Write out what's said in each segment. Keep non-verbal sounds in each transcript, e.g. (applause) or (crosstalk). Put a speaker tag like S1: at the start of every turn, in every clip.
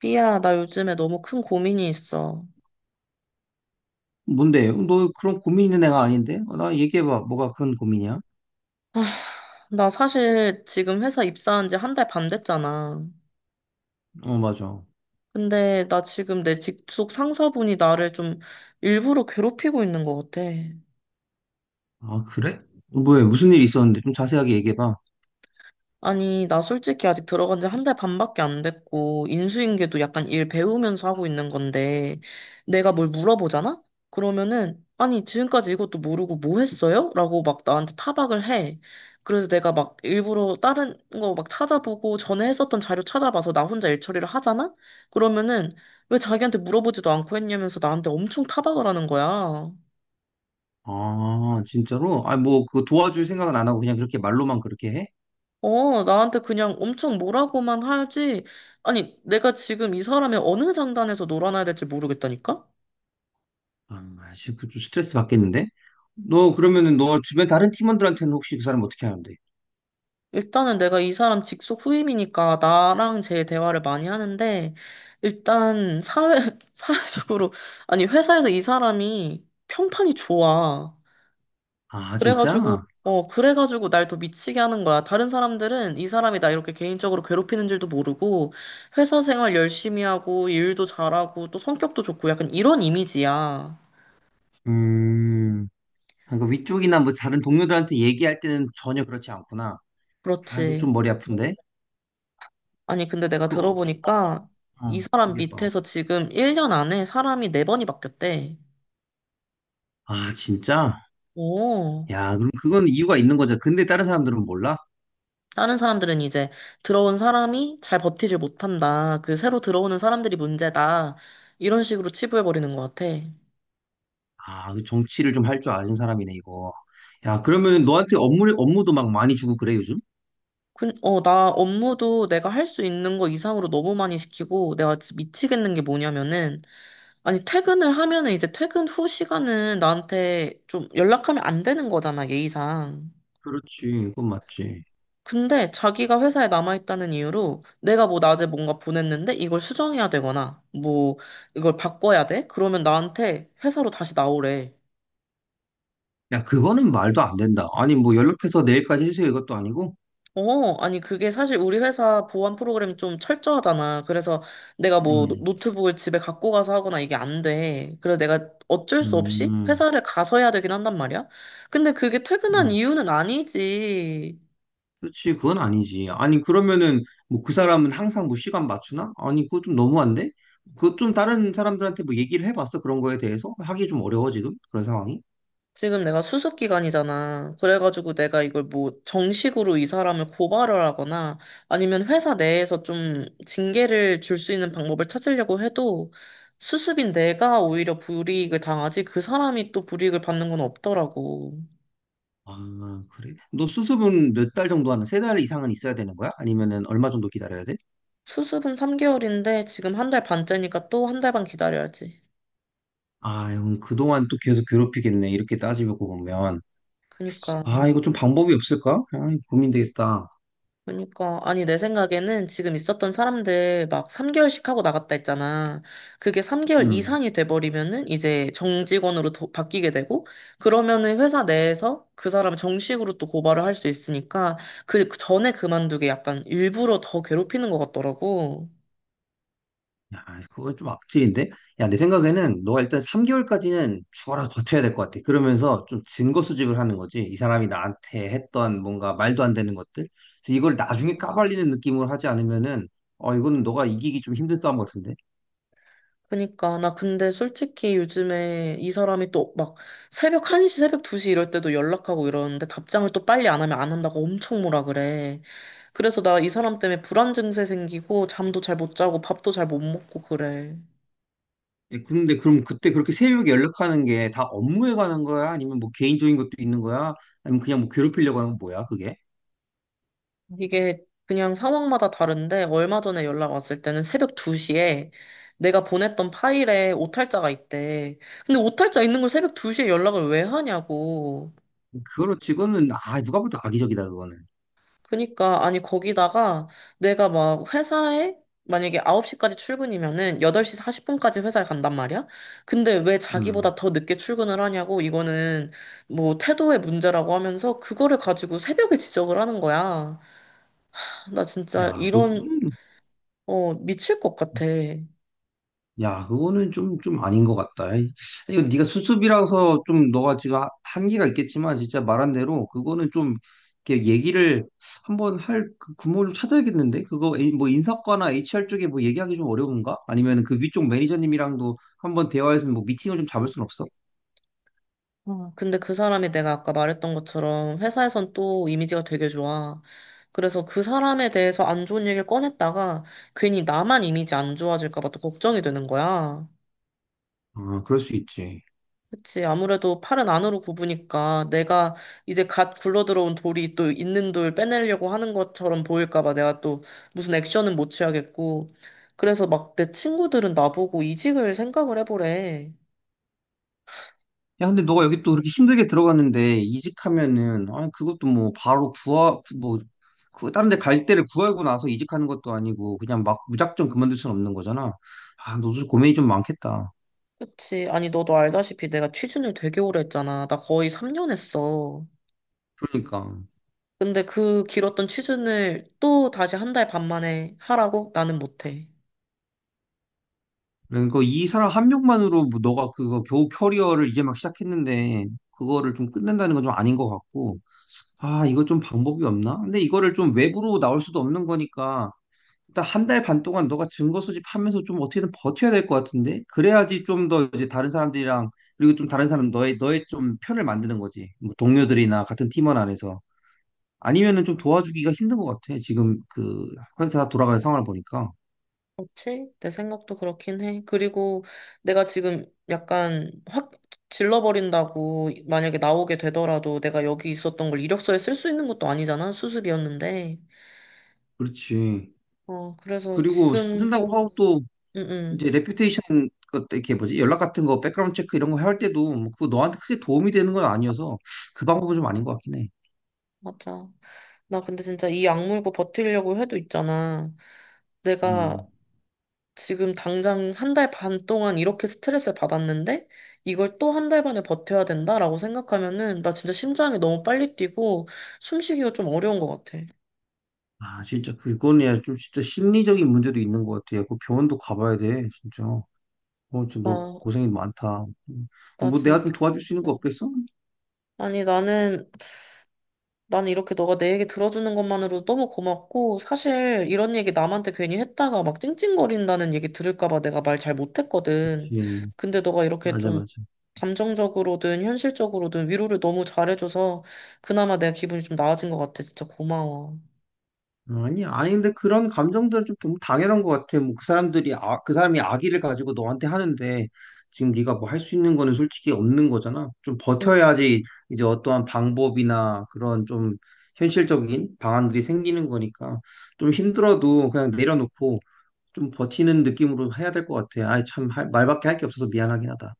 S1: 삐야, 나 요즘에 너무 큰 고민이 있어.
S2: 뭔데? 너 그런 고민 있는 애가 아닌데? 어, 나 얘기해봐. 뭐가 큰 고민이야?
S1: 아, 나 사실 지금 회사 입사한 지 한 달 반 됐잖아.
S2: 어, 맞아.
S1: 근데 나 지금 내 직속 상사분이 나를 좀 일부러 괴롭히고 있는 것 같아.
S2: 아, 그래? 뭐야? 무슨 일이 있었는데? 좀 자세하게 얘기해봐.
S1: 아니, 나 솔직히 아직 들어간 지 한 달 반밖에 안 됐고, 인수인계도 약간 일 배우면서 하고 있는 건데, 내가 뭘 물어보잖아? 그러면은, 아니, 지금까지 이것도 모르고 뭐 했어요? 라고 막 나한테 타박을 해. 그래서 내가 막 일부러 다른 거 막 찾아보고, 전에 했었던 자료 찾아봐서 나 혼자 일 처리를 하잖아? 그러면은, 왜 자기한테 물어보지도 않고 했냐면서 나한테 엄청 타박을 하는 거야.
S2: 아, 진짜로? 아, 뭐, 그 도와줄 생각은 안 하고 그냥 그렇게 말로만 그렇게 해?
S1: 어, 나한테 그냥 엄청 뭐라고만 하지. 아니, 내가 지금 이 사람의 어느 장단에서 놀아나야 될지 모르겠다니까?
S2: 아, 씨, 그좀 스트레스 받겠는데? 너 그러면은 너 주변 다른 팀원들한테는 혹시 그 사람 어떻게 하는데?
S1: 일단은 내가 이 사람 직속 후임이니까 나랑 제 대화를 많이 하는데, 일단 사회, (laughs) 사회적으로, 아니, 회사에서 이 사람이 평판이 좋아.
S2: 아,
S1: 그래가지고,
S2: 진짜?
S1: 그래가지고 날 더 미치게 하는 거야. 다른 사람들은 이 사람이 나 이렇게 개인적으로 괴롭히는 줄도 모르고, 회사 생활 열심히 하고, 일도 잘하고, 또 성격도 좋고, 약간 이런 이미지야.
S2: 음, 아, 그 위쪽이나 뭐 다른 동료들한테 얘기할 때는 전혀 그렇지 않구나. 아, 이거
S1: 그렇지.
S2: 좀 머리 아픈데?
S1: 아니, 근데 내가
S2: 그, 어, 좀-
S1: 들어보니까 이
S2: 어,
S1: 사람
S2: 얘기해봐.
S1: 밑에서 지금 1년 안에 사람이 4번이 바뀌었대.
S2: 아, 진짜?
S1: 오.
S2: 야, 그럼 그건 이유가 있는 거죠. 근데 다른 사람들은 몰라?
S1: 다른 사람들은 이제 들어온 사람이 잘 버티질 못한다. 그 새로 들어오는 사람들이 문제다. 이런 식으로 치부해버리는 것 같아.
S2: 아, 그 정치를 좀 할 줄 아는 사람이네, 이거. 야, 그러면 너한테 업무도 막 많이 주고 그래, 요즘?
S1: 나 업무도 내가 할 수 있는 거 이상으로 너무 많이 시키고 내가 진짜 미치겠는 게 뭐냐면은, 아니 퇴근을 하면은 이제 퇴근 후 시간은 나한테 좀 연락하면 안 되는 거잖아, 예의상.
S2: 그렇지, 그건 맞지.
S1: 근데 자기가 회사에 남아있다는 이유로 내가 뭐 낮에 뭔가 보냈는데 이걸 수정해야 되거나 뭐 이걸 바꿔야 돼? 그러면 나한테 회사로 다시 나오래.
S2: 야, 그거는 말도 안 된다. 아니, 뭐 연락해서 내일까지 해주세요, 이것도 아니고?
S1: 어, 아니 그게 사실 우리 회사 보안 프로그램이 좀 철저하잖아. 그래서 내가 뭐 노-
S2: 음,
S1: 노트북을 집에 갖고 가서 하거나 이게 안 돼. 그래서 내가 어쩔 수 없이
S2: 음,
S1: 회사를 가서 해야 되긴 한단 말이야. 근데 그게 퇴근한
S2: 음.
S1: 이유는 아니지.
S2: 그렇지, 그건 아니지. 아니, 그러면은 뭐 그 사람은 항상 뭐 시간 맞추나? 아니, 그거 좀 너무한데? 그거 좀 다른 사람들한테 뭐 얘기를 해봤어, 그런 거에 대해서? 하기 좀 어려워, 지금? 그런 상황이?
S1: 지금 내가 수습 기간이잖아. 그래가지고 내가 이걸 뭐 정식으로 이 사람을 고발을 하거나 아니면 회사 내에서 좀 징계를 줄 수 있는 방법을 찾으려고 해도 수습인 내가 오히려 불이익을 당하지 그 사람이 또 불이익을 받는 건 없더라고.
S2: 아, 그래? 너 수습은 몇 달 정도 하는, 세 달 이상은 있어야 되는 거야? 아니면은 얼마 정도 기다려야 돼?
S1: 수습은 3개월인데 지금 한 달 반째니까 또 한 달 반 기다려야지.
S2: 아, 형, 그동안 또 계속 괴롭히겠네. 이렇게 따지고 보면.
S1: 그니까
S2: 아, 이거 좀 방법이 없을까? 아, 고민되겠다.
S1: 그러니까 아니 내 생각에는 지금 있었던 사람들 막 3개월씩 하고 나갔다 했잖아. 그게 3개월
S2: 음.
S1: 이상이 돼버리면은 이제 정직원으로 도- 바뀌게 되고 그러면은 회사 내에서 그 사람을 정식으로 또 고발을 할 수 있으니까 그 전에 그만두게 약간 일부러 더 괴롭히는 것 같더라고.
S2: 야, 그건 좀 악질인데? 야, 내 생각에는 너가 일단 3개월까지는 죽어라 버텨야 될 것 같아. 그러면서 좀 증거 수집을 하는 거지. 이 사람이 나한테 했던 뭔가 말도 안 되는 것들. 그래서 이걸 나중에 까발리는 느낌으로 하지 않으면은, 어, 이거는 너가 이기기 좀 힘든 싸움 같은데?
S1: 그니까 나 근데 솔직히 요즘에 이 사람이 또 막 새벽 1시, 새벽 2시 이럴 때도 연락하고 이러는데 답장을 또 빨리 안 하면 안 한다고 엄청 뭐라 그래. 그래서 나 이 사람 때문에 불안 증세 생기고 잠도 잘 못 자고 밥도 잘 못 먹고 그래.
S2: 예, 그런데 그럼 그때 그렇게 새벽에 연락하는 게 다 업무에 관한 거야? 아니면 뭐 개인적인 것도 있는 거야? 아니면 그냥 뭐 괴롭히려고 하는 건 뭐야, 그게?
S1: 이게 그냥 상황마다 다른데 얼마 전에 연락 왔을 때는 새벽 2시에 내가 보냈던 파일에 오탈자가 있대. 근데 오탈자 있는 걸 새벽 2시에 연락을 왜 하냐고.
S2: 그거로 찍으는 아, 누가 봐도 악의적이다, 그거는.
S1: 그니까, 아니, 거기다가 내가 막 회사에 만약에 9시까지 출근이면은 8시 40분까지 회사에 간단 말이야? 근데 왜
S2: 음.
S1: 자기보다 더 늦게 출근을 하냐고, 이거는 뭐 태도의 문제라고 하면서 그거를 가지고 새벽에 지적을 하는 거야. 나 진짜
S2: 야,
S1: 이런,
S2: 그거는,
S1: 미칠 것 같아.
S2: 야, 그거는 좀 아닌 것 같다. 에이, 이거 네가 수습이라서 좀 너가 지금 한계가 있겠지만, 진짜 말한 대로 그거는 좀, 이렇게 얘기를 한번 할 그 구멍을 좀 찾아야겠는데? 그거 뭐 인사과나 HR 쪽에 뭐 얘기하기 좀 어려운가? 아니면 그 위쪽 매니저님이랑도 한번 대화해서 뭐 미팅을 좀 잡을 순 없어?
S1: 근데 그 사람이 내가 아까 말했던 것처럼 회사에선 또 이미지가 되게 좋아. 그래서 그 사람에 대해서 안 좋은 얘기를 꺼냈다가 괜히 나만 이미지 안 좋아질까 봐 또 걱정이 되는 거야.
S2: 아, 그럴 수 있지.
S1: 그치. 아무래도 팔은 안으로 굽으니까 내가 이제 갓 굴러들어온 돌이 또 있는 돌 빼내려고 하는 것처럼 보일까 봐 내가 또 무슨 액션은 못 취하겠고. 그래서 막 내 친구들은 나보고 이직을 생각을 해보래.
S2: 야, 근데 너가 여기 또 그렇게 힘들게 들어갔는데 이직하면은 아니 그것도 뭐 바로 구하 고뭐 그, 다른 데 갈 때를 구하고 나서 이직하는 것도 아니고 그냥 막 무작정 그만둘 수는 없는 거잖아. 아, 너도 고민이 좀 많겠다.
S1: 그치. 아니, 너도 알다시피 내가 취준을 되게 오래 했잖아. 나 거의 3년 했어.
S2: 그러니까.
S1: 근데 그 길었던 취준을 또 다시 한 달 반 만에 하라고? 나는 못해.
S2: 그러니까 이 사람 한 명만으로 뭐 너가 그거 겨우 커리어를 이제 막 시작했는데 그거를 좀 끝낸다는 건 좀 아닌 것 같고. 아, 이거 좀 방법이 없나? 근데 이거를 좀 외부로 나올 수도 없는 거니까 일단 한 달 반 동안 너가 증거 수집하면서 좀 어떻게든 버텨야 될 것 같은데 그래야지 좀 더 이제 다른 사람들이랑 그리고 좀 다른 사람 너의 좀 편을 만드는 거지 뭐 동료들이나 같은 팀원 안에서 아니면은 좀
S1: 음,
S2: 도와주기가 힘든 것 같아 지금 그 회사 돌아가는 상황을 보니까.
S1: 그렇지? 내 생각도 그렇긴 해. 그리고 내가 지금 약간 확 질러버린다고 만약에 나오게 되더라도 내가 여기 있었던 걸 이력서에 쓸 수 있는 것도 아니잖아. 수습이었는데.
S2: 그렇지.
S1: 그래서
S2: 그리고
S1: 지금,
S2: 쓴다고 하고 또
S1: 응,
S2: 이제
S1: 응.
S2: 레퓨테이션 이렇게 뭐지 연락 같은 거 백그라운드 체크 이런 거 할 때도 뭐 그거 너한테 크게 도움이 되는 건 아니어서 그 방법은 좀 아닌 것 같긴 해.
S1: 맞아. 나 근데 진짜 이 악물고 버티려고 해도 있잖아. 내가
S2: 음.
S1: 지금 당장 한 달 반 동안 이렇게 스트레스를 받았는데 이걸 또 한 달 반을 버텨야 된다라고 생각하면은 나 진짜 심장이 너무 빨리 뛰고 숨쉬기가 좀 어려운 것 같아.
S2: 아, 진짜 그거는 좀 진짜 심리적인 문제도 있는 것 같아. 야, 그 병원도 가봐야 돼, 진짜. 어, 진짜 너
S1: 와,
S2: 고생이 많다.
S1: 나
S2: 뭐 내가
S1: 진짜.
S2: 좀 도와줄 수 있는 거
S1: 뭐.
S2: 없겠어?
S1: 아니, 나는 이렇게 너가 내 얘기 들어주는 것만으로도 너무 고맙고, 사실 이런 얘기 남한테 괜히 했다가 막 찡찡거린다는 얘기 들을까 봐 내가 말 잘 못했거든.
S2: 그치.
S1: 근데 너가 이렇게 좀
S2: 맞아.
S1: 감정적으로든 현실적으로든 위로를 너무 잘해줘서 그나마 내가 기분이 좀 나아진 것 같아. 진짜 고마워.
S2: 어, 아니, 근데 그런 감정들은 좀 너무 당연한 것 같아. 뭐 그 사람들이, 아, 그 사람이 악의를 가지고 너한테 하는데 지금 네가 뭐 할 수 있는 거는 솔직히 없는 거잖아. 좀
S1: 응.
S2: 버텨야지 이제 어떠한 방법이나 그런 좀 현실적인 방안들이 생기는 거니까 좀 힘들어도 그냥 내려놓고 좀 버티는 느낌으로 해야 될 것 같아. 아이, 참, 말밖에 할 게 없어서 미안하긴 하다.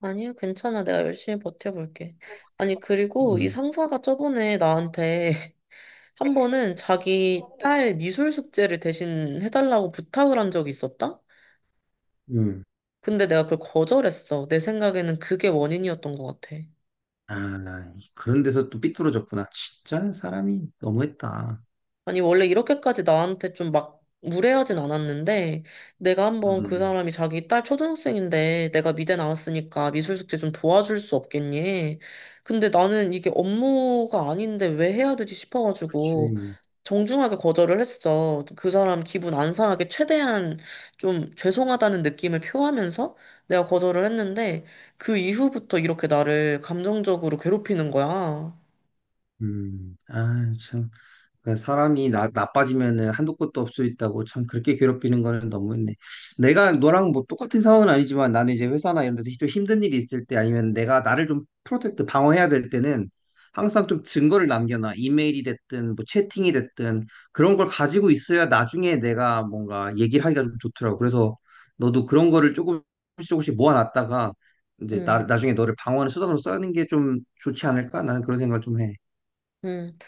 S1: 아니야, 괜찮아. 내가 열심히 버텨볼게. 아니, 그리고 이
S2: 음,
S1: 상사가 저번에 나한테 (laughs) 한 번은 자기 딸 미술 숙제를 대신 해달라고 부탁을 한 적이 있었다?
S2: 음.
S1: 근데 내가 그걸 거절했어. 내 생각에는 그게 원인이었던 것 같아.
S2: 아, 그런 데서 또 삐뚤어졌구나. 진짜 사람이 너무했다.
S1: 아니, 원래 이렇게까지 나한테 좀 막 무례하진 않았는데, 내가 한번 그
S2: 음,
S1: 사람이 자기 딸 초등학생인데, 내가 미대 나왔으니까 미술 숙제 좀 도와줄 수 없겠니? 근데 나는 이게 업무가 아닌데 왜 해야 되지 싶어가지고,
S2: 그치.
S1: 정중하게 거절을 했어. 그 사람 기분 안 상하게 최대한 좀 죄송하다는 느낌을 표하면서 내가 거절을 했는데, 그 이후부터 이렇게 나를 감정적으로 괴롭히는 거야.
S2: 아, 참. 그 사람이 나빠지면은 한도 끝도 없을 수 있다고 참 그렇게 괴롭히는 거는 너무했네. 내가 너랑 뭐 똑같은 상황은 아니지만 나는 이제 회사나 이런 데서 좀 힘든 일이 있을 때 아니면 내가 나를 좀 프로텍트 방어해야 될 때는 항상 좀 증거를 남겨놔. 이메일이 됐든 뭐 채팅이 됐든 그런 걸 가지고 있어야 나중에 내가 뭔가 얘기를 하기가 좀 좋더라고. 그래서 너도 그런 거를 조금씩 조금씩 모아놨다가 이제
S1: 음.
S2: 나중에 너를 방어하는 수단으로 쓰는 게 좀 좋지 않을까? 나는 그런 생각을 좀 해.
S1: 음.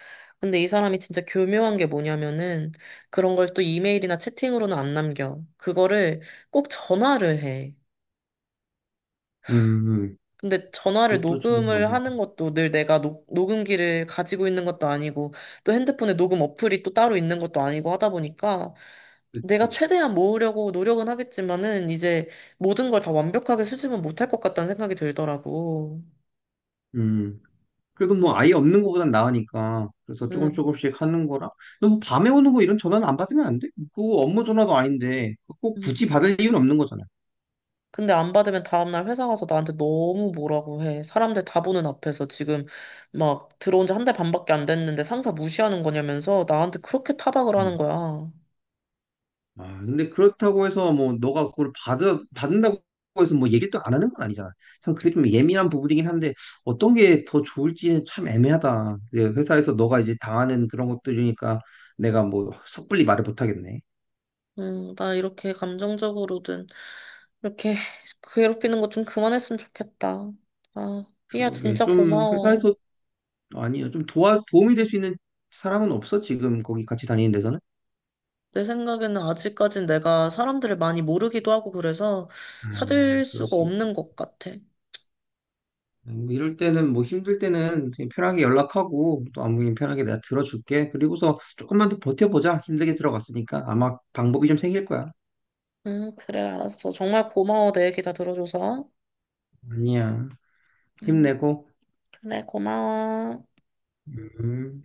S1: 근데 이 사람이 진짜 교묘한 게 뭐냐면은 그런 걸 또 이메일이나 채팅으로는 안 남겨. 그거를 꼭 전화를 해.
S2: 음, 음.
S1: 근데 전화를
S2: 그것도 좀
S1: 녹음을
S2: 너무.
S1: 하는 것도 늘 내가 녹음기를 가지고 있는 것도 아니고 또 핸드폰에 녹음 어플이 또 따로 있는 것도 아니고 하다 보니까 내가
S2: 그치.
S1: 최대한 모으려고 노력은 하겠지만은 이제 모든 걸 다 완벽하게 수집은 못할 것 같다는 생각이 들더라고.
S2: 음. 그래도 뭐 아예 없는 거보단 나으니까. 그래서
S1: 음.
S2: 조금씩 하는 거라. 너뭐 밤에 오는 거 이런 전화는 안 받으면 안 돼? 그거 업무 전화도 아닌데 그거 꼭 굳이
S1: 음.
S2: 받을 이유는 없는 거잖아.
S1: 근데 안 받으면 다음날 회사 가서 나한테 너무 뭐라고 해. 사람들 다 보는 앞에서 지금 막 들어온 지 한 달 반밖에 안 됐는데 상사 무시하는 거냐면서 나한테 그렇게 타박을 하는
S2: 음.
S1: 거야.
S2: 아, 근데 그렇다고 해서 뭐 너가 그걸 받아 받는다고 해서 뭐 얘기를 또 안 하는 건 아니잖아. 참 그게 좀 예민한 부분이긴 한데 어떤 게 더 좋을지 참 애매하다. 그게 회사에서 너가 이제 당하는 그런 것들이니까 내가 뭐 섣불리 말을 못 하겠네.
S1: 나 이렇게 감정적으로든 이렇게 괴롭히는 거 좀 그만했으면 좋겠다. 아, 삐야
S2: 그러게
S1: 진짜
S2: 좀
S1: 고마워.
S2: 회사에서 아니요. 도움이 될 수 있는 사람은 없어? 지금 거기 같이 다니는 데서는?
S1: 내 생각에는 아직까진 내가 사람들을 많이 모르기도 하고 그래서 찾을 수가
S2: 그렇지.
S1: 없는 것 같아.
S2: 뭐 이럴 때는 뭐 힘들 때는 그냥 편하게 연락하고 또 안부인 편하게 내가 들어줄게. 그리고서 조금만 더 버텨보자. 힘들게 들어갔으니까 아마 방법이 좀 생길 거야.
S1: 그래, 알았어. 정말 고마워. 내 얘기 다 들어줘서.
S2: 아니야.
S1: 음.
S2: 힘내고.
S1: 그래, 고마워.
S2: 음.